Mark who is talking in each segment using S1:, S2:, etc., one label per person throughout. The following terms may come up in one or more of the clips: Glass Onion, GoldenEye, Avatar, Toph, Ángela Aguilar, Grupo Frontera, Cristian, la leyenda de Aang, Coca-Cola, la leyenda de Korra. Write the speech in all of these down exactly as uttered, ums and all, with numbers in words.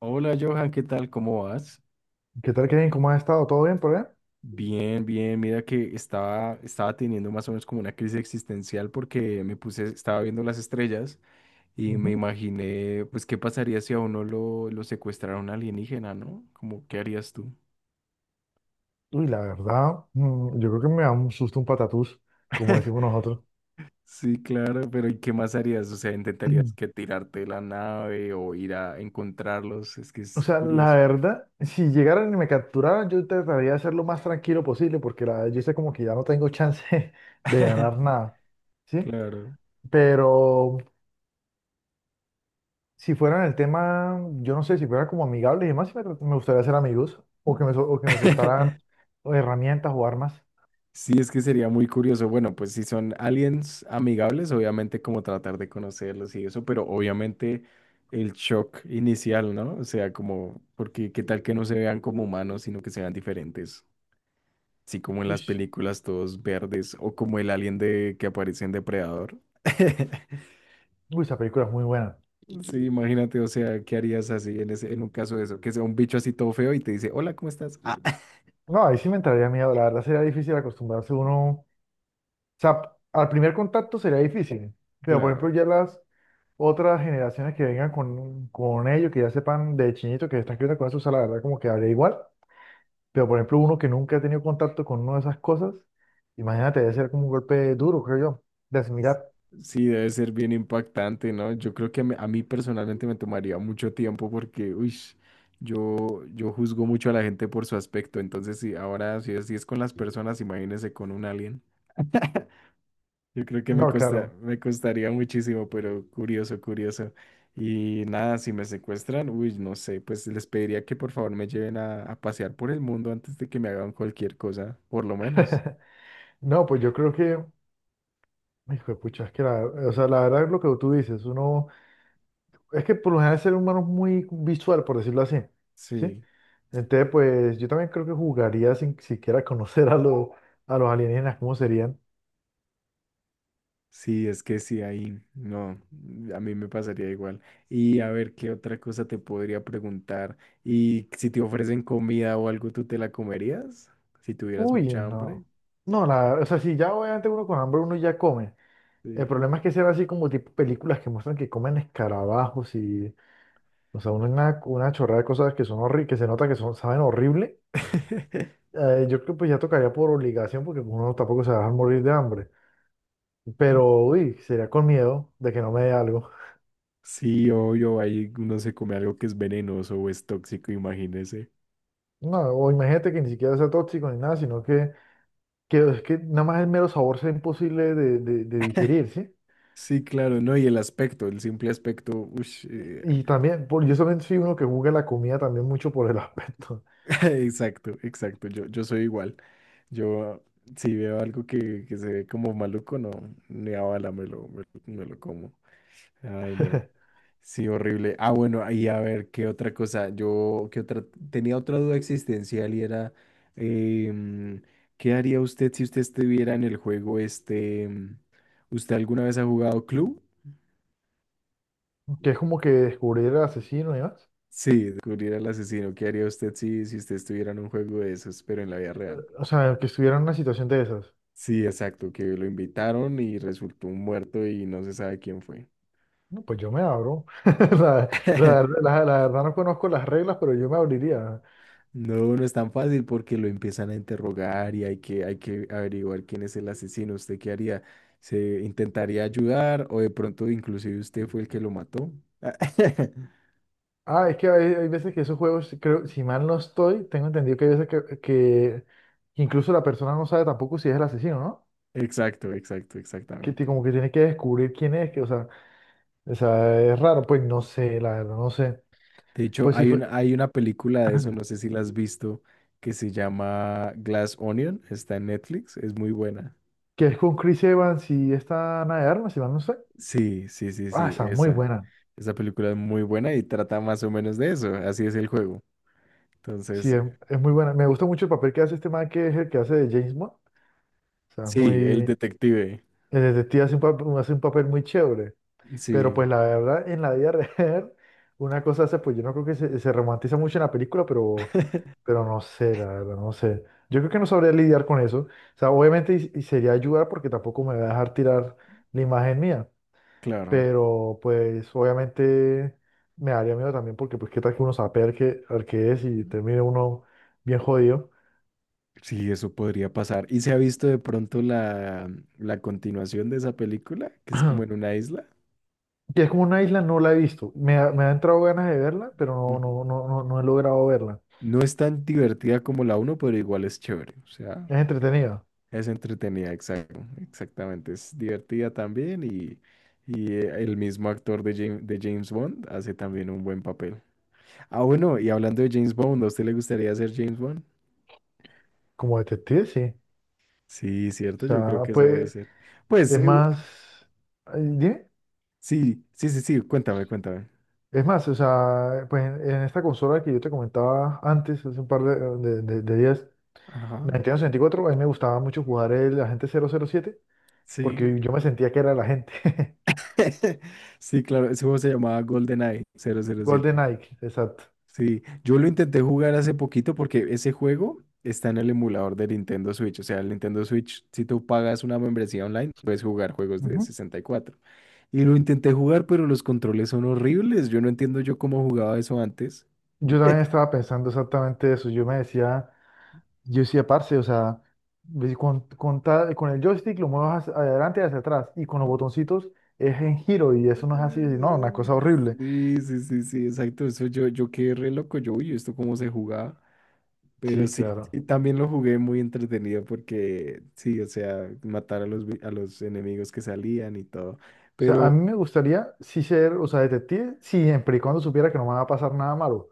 S1: Hola Johan, ¿qué tal? ¿Cómo vas?
S2: ¿Qué tal, Kevin? ¿Cómo has estado? ¿Todo bien por allá?
S1: Bien, bien. Mira que estaba, estaba teniendo más o menos como una crisis existencial porque me puse, estaba viendo las estrellas y me
S2: Ujú.
S1: imaginé, pues, qué pasaría si a uno lo, lo secuestrara un alienígena, ¿no? Como, ¿qué harías tú?
S2: Uy, la verdad, mm, yo creo que me da un susto un patatús, como decimos nosotros.
S1: Sí, claro, pero ¿y qué más harías? O sea, ¿intentarías
S2: Mm.
S1: que tirarte de la nave o ir a encontrarlos? Es que
S2: O
S1: es
S2: sea, la
S1: curioso.
S2: verdad, si llegaran y me capturaran, yo trataría de ser lo más tranquilo posible, porque la, yo sé como que ya no tengo chance de ganar nada, ¿sí?
S1: Claro.
S2: Pero si fueran el tema, yo no sé, si fueran como amigables y demás, sí me, me gustaría ser amigos, o que me, sol- o que me soltaran herramientas o armas.
S1: Sí, es que sería muy curioso. Bueno, pues si son aliens amigables, obviamente como tratar de conocerlos y eso, pero obviamente el shock inicial, ¿no? O sea, como, porque qué tal que no se vean como humanos, sino que sean diferentes. Así como en las
S2: Uy,
S1: películas todos verdes o como el alien de que aparece en Depredador.
S2: uy, esa película es muy buena.
S1: Sí, imagínate, o sea, ¿qué harías así en ese, en un caso de eso? Que sea un bicho así todo feo y te dice, hola, ¿cómo estás? Ah,
S2: No, ahí sí me entraría miedo, la verdad sería difícil acostumbrarse uno, o sea, al primer contacto sería difícil, pero por ejemplo
S1: claro.
S2: ya las otras generaciones que vengan con, con ellos, que ya sepan de chinito que están creciendo con eso, o sea, la verdad como que habría igual, pero por ejemplo uno que nunca ha tenido contacto con una de esas cosas, imagínate, debe ser como un golpe duro, creo yo, de asimilar.
S1: Sí, debe ser bien impactante, ¿no? Yo creo que me- a mí personalmente me tomaría mucho tiempo porque, uy, yo, yo juzgo mucho a la gente por su aspecto, entonces sí, ahora si es, si es con las personas, imagínese con un alien. Yo creo que me
S2: No,
S1: costa,
S2: claro.
S1: me costaría muchísimo, pero curioso, curioso. Y nada, si me secuestran, uy, no sé, pues les pediría que por favor me lleven a, a pasear por el mundo antes de que me hagan cualquier cosa, por lo menos.
S2: No, pues yo creo que, hijo de pucha, es que la, o sea, la verdad es lo que tú dices, uno... Es que por lo general el ser humano es muy visual, por decirlo así, ¿sí?
S1: Sí.
S2: Entonces, pues yo también creo que jugaría sin siquiera conocer a los, a los alienígenas. ¿Cómo serían?
S1: Sí, es que sí, ahí no, mm, a mí me pasaría igual. Y a ver, ¿qué otra cosa te podría preguntar? Y si te ofrecen comida o algo, ¿tú te la comerías? Si tuvieras
S2: Uy,
S1: mucha hambre.
S2: no. No, la, o sea, si ya obviamente uno con hambre uno ya come. El
S1: Sí.
S2: problema es que sean así como tipo películas que muestran que comen escarabajos y, o sea, una, una una chorrada de cosas que son horribles, que se nota que son, saben horrible. Eh, yo creo que pues ya tocaría por obligación porque uno tampoco se va a dejar morir de hambre. Pero, uy, sería con miedo de que no me dé algo.
S1: Sí, obvio, ahí uno se come algo que es venenoso o es tóxico, imagínese.
S2: No, o imagínate que ni siquiera sea tóxico ni nada, sino que, que es que nada más el mero sabor sea imposible de, de- de digerir, ¿sí?
S1: Sí, claro, no, y el aspecto, el simple aspecto, ush, eh,
S2: Y, y también, por, yo también soy uno que juzga la comida también mucho por el aspecto.
S1: exacto, exacto, yo, yo soy igual. Yo, si veo algo que, que se ve como maluco, no, ni a bala me lo, me, lo me lo como. Ay, no. Sí, horrible. Ah, bueno, ahí a ver, ¿qué otra cosa? Yo, ¿qué otra? Tenía otra duda existencial y era, em, ¿qué haría usted si usted estuviera en el juego este? em, ¿Usted alguna vez ha jugado Clue?
S2: Que es como que descubrir el asesino y más.
S1: Sí, descubrir al asesino. ¿Qué haría usted si, si usted estuviera en un juego de esos, pero en la vida real?
S2: O sea, que estuviera en una situación de esas.
S1: Sí, exacto, que lo invitaron y resultó un muerto y no se sabe quién fue.
S2: No, pues yo me abro. La, la- la- la verdad no conozco las reglas, pero yo me abriría.
S1: No, no es tan fácil porque lo empiezan a interrogar y hay que, hay que averiguar quién es el asesino. ¿Usted qué haría? ¿Se intentaría ayudar o de pronto inclusive usted fue el que lo mató?
S2: Ah, es que hay, hay veces que esos juegos, creo, si mal no estoy, tengo entendido que hay veces que, que incluso la persona no sabe tampoco si es el asesino, ¿no?
S1: Exacto, exacto,
S2: Que te-
S1: exactamente.
S2: como que tienes que descubrir quién es, que, o sea, o sea, es raro, pues no sé, la verdad, no sé.
S1: De hecho,
S2: Pues sí
S1: hay
S2: fue,
S1: una, hay una película de eso, no sé si la has visto, que se llama Glass Onion, está en Netflix, es muy buena.
S2: que es con Chris Evans y esta Ana de Armas, si mal no sé.
S1: Sí, sí, sí,
S2: Ah,
S1: sí,
S2: está muy
S1: esa.
S2: buena.
S1: Esa película es muy buena y trata más o menos de eso, así es el juego.
S2: Sí,
S1: Entonces,
S2: es, es muy buena. Me gusta mucho el papel que hace este man, que es el que hace de James Bond. O sea, es
S1: sí, el
S2: muy,
S1: detective.
S2: el detective hace un papel, hace un papel muy chévere. Pero
S1: Sí,
S2: pues la verdad, en la vida real, una cosa hace, pues yo no creo que se, se romantiza mucho en la película, pero Pero no sé, la verdad, no sé. Yo creo que no sabría lidiar con eso. O sea, obviamente y, y sería ayudar porque tampoco me va a dejar tirar la imagen mía.
S1: claro,
S2: Pero pues obviamente me daría miedo también porque pues qué tal que uno sabe al qué, al qué es y termine uno bien jodido.
S1: sí, eso podría pasar. ¿Y se ha visto de pronto la, la continuación de esa película, que es como en una isla?
S2: Y es como una isla, no la he visto. Me ha, me ha entrado ganas de verla, pero no, no,
S1: Ujú.
S2: no, no, no he logrado verla.
S1: No es tan divertida como la uno, pero igual es chévere. O sea,
S2: Es entretenida.
S1: es entretenida, exacto, exactamente. Es divertida también y, y eh, el mismo actor de James, de James Bond hace también un buen papel. Ah, bueno, y hablando de James Bond, ¿a usted le gustaría ser James Bond?
S2: Como detective, sí.
S1: Sí,
S2: O
S1: cierto, yo creo
S2: sea,
S1: que eso debe
S2: pues
S1: ser. Pues
S2: es
S1: eh, u-
S2: más... eh, ¿Dime?
S1: sí, sí, sí, sí, cuéntame, cuéntame.
S2: Es más, o sea, pues en, en esta consola que yo te comentaba antes, hace un par de, de, de- de días,
S1: Ajá,
S2: la Nintendo sesenta y cuatro, a mí me gustaba mucho jugar el Agente cero cero siete
S1: sí.
S2: porque yo me sentía que era el agente.
S1: Sí, claro, ese juego se llamaba GoldenEye cero cero
S2: Golden
S1: siete.
S2: Ike, exacto.
S1: Sí, yo lo intenté jugar hace poquito porque ese juego está en el emulador de Nintendo Switch. O sea, el Nintendo Switch, si tú pagas una membresía online, puedes jugar juegos de
S2: Ujú.
S1: sesenta y cuatro. Y cuatro. Y lo intenté jugar, pero los controles son horribles. Yo no entiendo yo cómo jugaba eso antes.
S2: Yo también estaba pensando exactamente eso. Yo me decía, yo decía, parce, o sea, ve con, con, ta- con el joystick lo mueves hacia adelante y hacia atrás y con los
S1: ¿no?
S2: botoncitos es en giro y eso no es así. Y no,
S1: Eh,
S2: una cosa horrible.
S1: Sí, sí, sí, sí, exacto. Eso yo, yo quedé re loco. Yo, uy, ¿esto cómo se jugaba? Pero
S2: Sí,
S1: sí,
S2: claro.
S1: sí, también lo jugué muy entretenido porque sí, o sea, matar a los, vi- a los enemigos que salían y todo.
S2: O sea, a
S1: Pero
S2: mí me gustaría sí ser, o sea, detective, siempre y cuando supiera que no me va a pasar nada malo.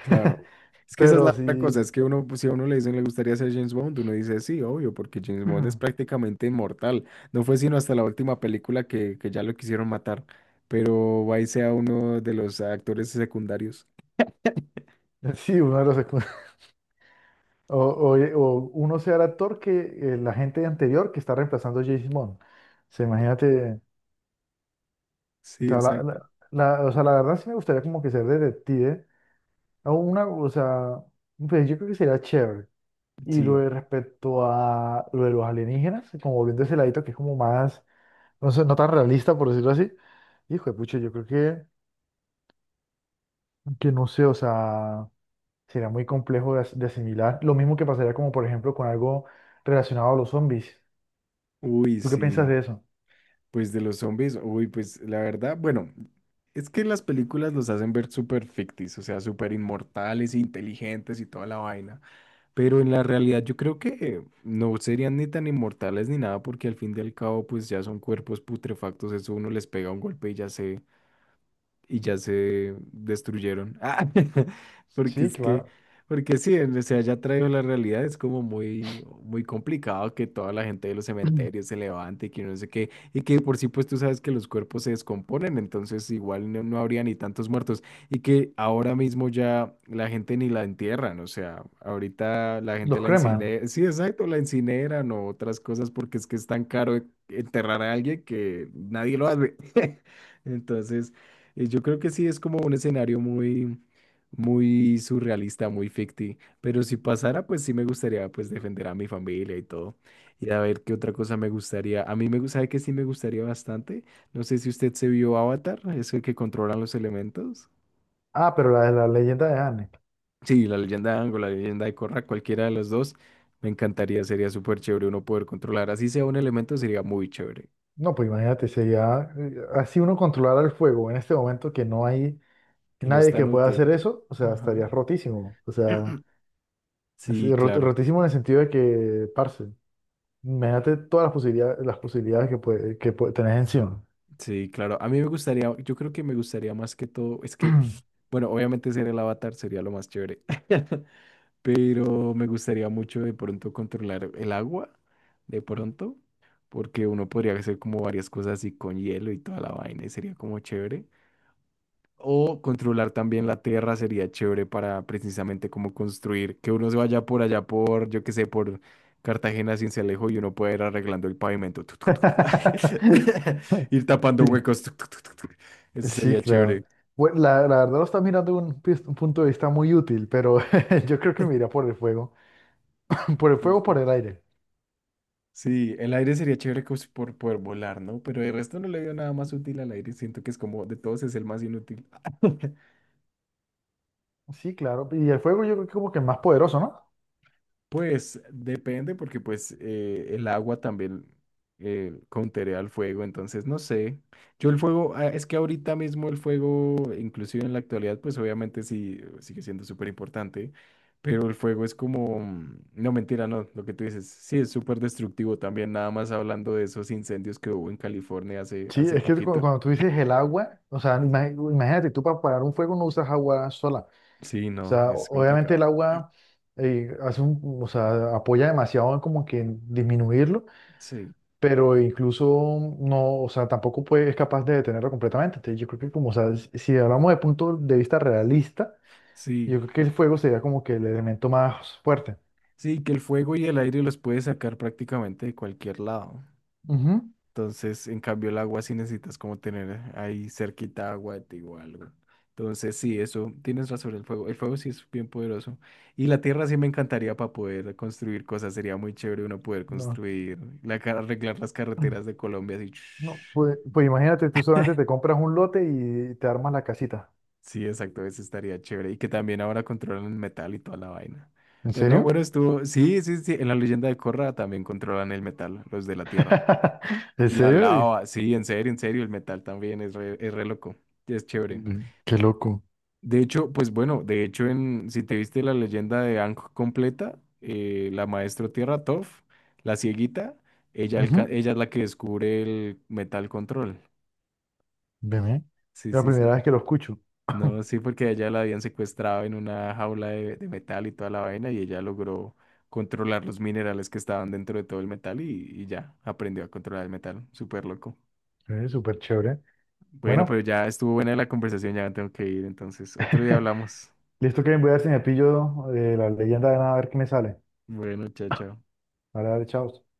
S1: claro, es que esa es la
S2: Pero
S1: otra cosa,
S2: sí,
S1: es que uno, pues, si a uno le dicen le gustaría ser James Bond, uno dice sí, obvio, porque James Bond es prácticamente inmortal. No fue sino hasta la última película que, que ya lo quisieron matar, pero ahí sea uno de los actores secundarios.
S2: sí, uno de los secu- o, o, o uno sea el actor que eh, la gente anterior que está reemplazando a James Bond. O sea, imagínate, o
S1: Sí,
S2: sea, la,
S1: exacto.
S2: la- la- o sea, la verdad sí me gustaría como que ser detective. O una, o sea, pues yo creo que sería chévere. Y lo
S1: Sí,
S2: de respecto a lo de los alienígenas, como volviendo a ese ladito que es como más, no sé, no tan realista, por decirlo así. Hijo de pucha, yo creo que, que no sé, o sea, sería muy complejo de, as- de asimilar. Lo mismo que pasaría como, por ejemplo, con algo relacionado a los zombies.
S1: uy,
S2: ¿Tú qué piensas
S1: sí.
S2: de eso?
S1: Pues de los zombies, uy, pues la verdad, bueno, es que las películas los hacen ver súper ficticios, o sea, súper inmortales, inteligentes y toda la vaina, pero en la realidad yo creo que no serían ni tan inmortales ni nada, porque al fin y al cabo, pues ya son cuerpos putrefactos, eso uno les pega un golpe y ya se, y ya se destruyeron. Ah, porque
S2: Sí,
S1: es que,
S2: claro.
S1: porque sí, en- o sea, ya traigo la realidad, es como muy, muy complicado que toda la gente de los cementerios se levante y que no sé qué, y que por sí, pues tú sabes que los cuerpos se descomponen, entonces igual no, no habría ni tantos muertos, y que ahora mismo ya la gente ni la entierran, o sea, ahorita la gente
S2: Los
S1: la
S2: creman.
S1: incinera, sí, exacto, la incineran o otras cosas, porque es que es tan caro enterrar a alguien que nadie lo hace. Entonces, eh, yo creo que sí es como un escenario muy, muy surrealista, muy ficti. Pero si pasara, pues sí me gustaría pues defender a mi familia y todo. Y a ver qué otra cosa me gustaría. A mí me gustaría que sí me gustaría bastante. No sé si usted se vio Avatar, es el que controlan los elementos.
S2: Ah, pero la de la leyenda de Anne.
S1: Sí, la leyenda de Aang la leyenda de Korra, cualquiera de las dos, me encantaría, sería súper chévere uno poder controlar. Así sea un elemento, sería muy chévere,
S2: No, pues imagínate, sería eh, así uno controlar el fuego en este momento que no hay
S1: que no es
S2: nadie que
S1: tan
S2: pueda hacer
S1: útil.
S2: eso, o sea,
S1: Ajá.
S2: estaría rotísimo. O sea, es
S1: Sí,
S2: eh, rot-
S1: claro.
S2: rotísimo en el sentido de que, parce, imagínate todas las posibilidades, las posibilidades que, puede, que puede, tenés encima.
S1: Sí, claro. A mí me gustaría, yo creo que me gustaría más que todo, es que, bueno, obviamente ser el avatar sería lo más chévere, pero me gustaría mucho de pronto controlar el agua, de pronto, porque uno podría hacer como varias cosas así con hielo y toda la vaina y sería como chévere. O controlar también la tierra sería chévere para precisamente como construir, que uno se vaya por allá por, yo qué sé, por Cartagena, Cincelejo y uno pueda ir arreglando el pavimento. Tuc, tuc, tuc, tuc, ir tapando
S2: Sí,
S1: huecos. Tuc, tuc, tuc, tuc, tuc. Eso
S2: sí,
S1: sería
S2: claro.
S1: chévere.
S2: Bueno, la, la verdad lo estás mirando de un, pis- un punto de vista muy útil, pero yo creo que me iría por el fuego. Por el
S1: Sí,
S2: fuego, por
S1: sí.
S2: el aire.
S1: Sí, el aire sería chévere cos- por poder volar, ¿no? Pero el resto no le veo nada más útil al aire. Siento que es como de todos es el más inútil.
S2: Sí, claro. Y el fuego yo creo que como que es más poderoso, ¿no?
S1: Pues depende porque pues eh, el agua también eh, counterea al fuego, entonces no sé. Yo el fuego, ah, es que ahorita mismo el fuego, inclusive en la actualidad, pues obviamente sí eh, sigue siendo súper importante, pero el fuego es como, mm, no mentira, no, lo que tú dices, sí es súper destructivo también, nada más hablando de esos incendios que hubo en California hace,
S2: Sí,
S1: hace
S2: es que cu-
S1: poquito.
S2: cuando tú dices el agua, o sea, ima- imagínate, tú para apagar un fuego no usas agua sola.
S1: Sí,
S2: O
S1: no,
S2: sea, o-
S1: es
S2: obviamente el
S1: complicado.
S2: agua eh, hace un, o sea, apoya demasiado en como que en disminuirlo,
S1: Sí,
S2: pero incluso no, o sea, tampoco puede, es capaz de detenerlo completamente. Entonces, yo creo que como, o sea, si si hablamos de punto de vista realista,
S1: sí,
S2: yo creo que el fuego sería como que el elemento más fuerte.
S1: sí, que el fuego y el aire los puede sacar prácticamente de cualquier lado.
S2: Ujú.
S1: Entonces, en cambio, el agua sí necesitas como tener ahí cerquita agua de ti o algo. Entonces, sí, eso, tienes razón, el fuego. El fuego sí es bien poderoso. Y la tierra sí me encantaría para poder construir cosas. Sería muy chévere uno poder
S2: No,
S1: construir, la, ca- arreglar las carreteras de Colombia así.
S2: no, pues, pues imagínate, tú solamente te compras un lote y te armas la casita.
S1: Sí, exacto, eso estaría chévere. Y que también ahora controlan el metal y toda la vaina.
S2: ¿En
S1: Pero no,
S2: serio?
S1: bueno, estuvo. Sí, sí, sí. En la leyenda de Korra también controlan el metal, los de la tierra.
S2: ¿En
S1: Y la
S2: serio?
S1: lava, sí, en serio, en serio, el metal también es re, es re loco, es chévere.
S2: Ve, qué loco.
S1: De hecho, pues bueno, de hecho, en, si te viste la leyenda de Aang completa, eh, la maestro Tierra Toph, la cieguita, ella, alca-
S2: Ujú.
S1: ella es la que descubre el metal control.
S2: Veme.
S1: Sí,
S2: Es la
S1: sí,
S2: primera
S1: sí.
S2: vez que lo escucho.
S1: No, sí, porque a ella la habían secuestrado en una jaula de, de metal y toda la vaina, y ella logró controlar los minerales que estaban dentro de todo el metal y, y ya aprendió a controlar el metal, súper loco.
S2: Es súper chévere.
S1: Bueno, pero
S2: Bueno,
S1: ya estuvo buena la conversación, ya tengo que ir, entonces otro día hablamos.
S2: listo que voy a ver si me pillo eh, la leyenda de nada a ver qué me sale.
S1: Bueno, chao, chao.
S2: Vale, vale, chao.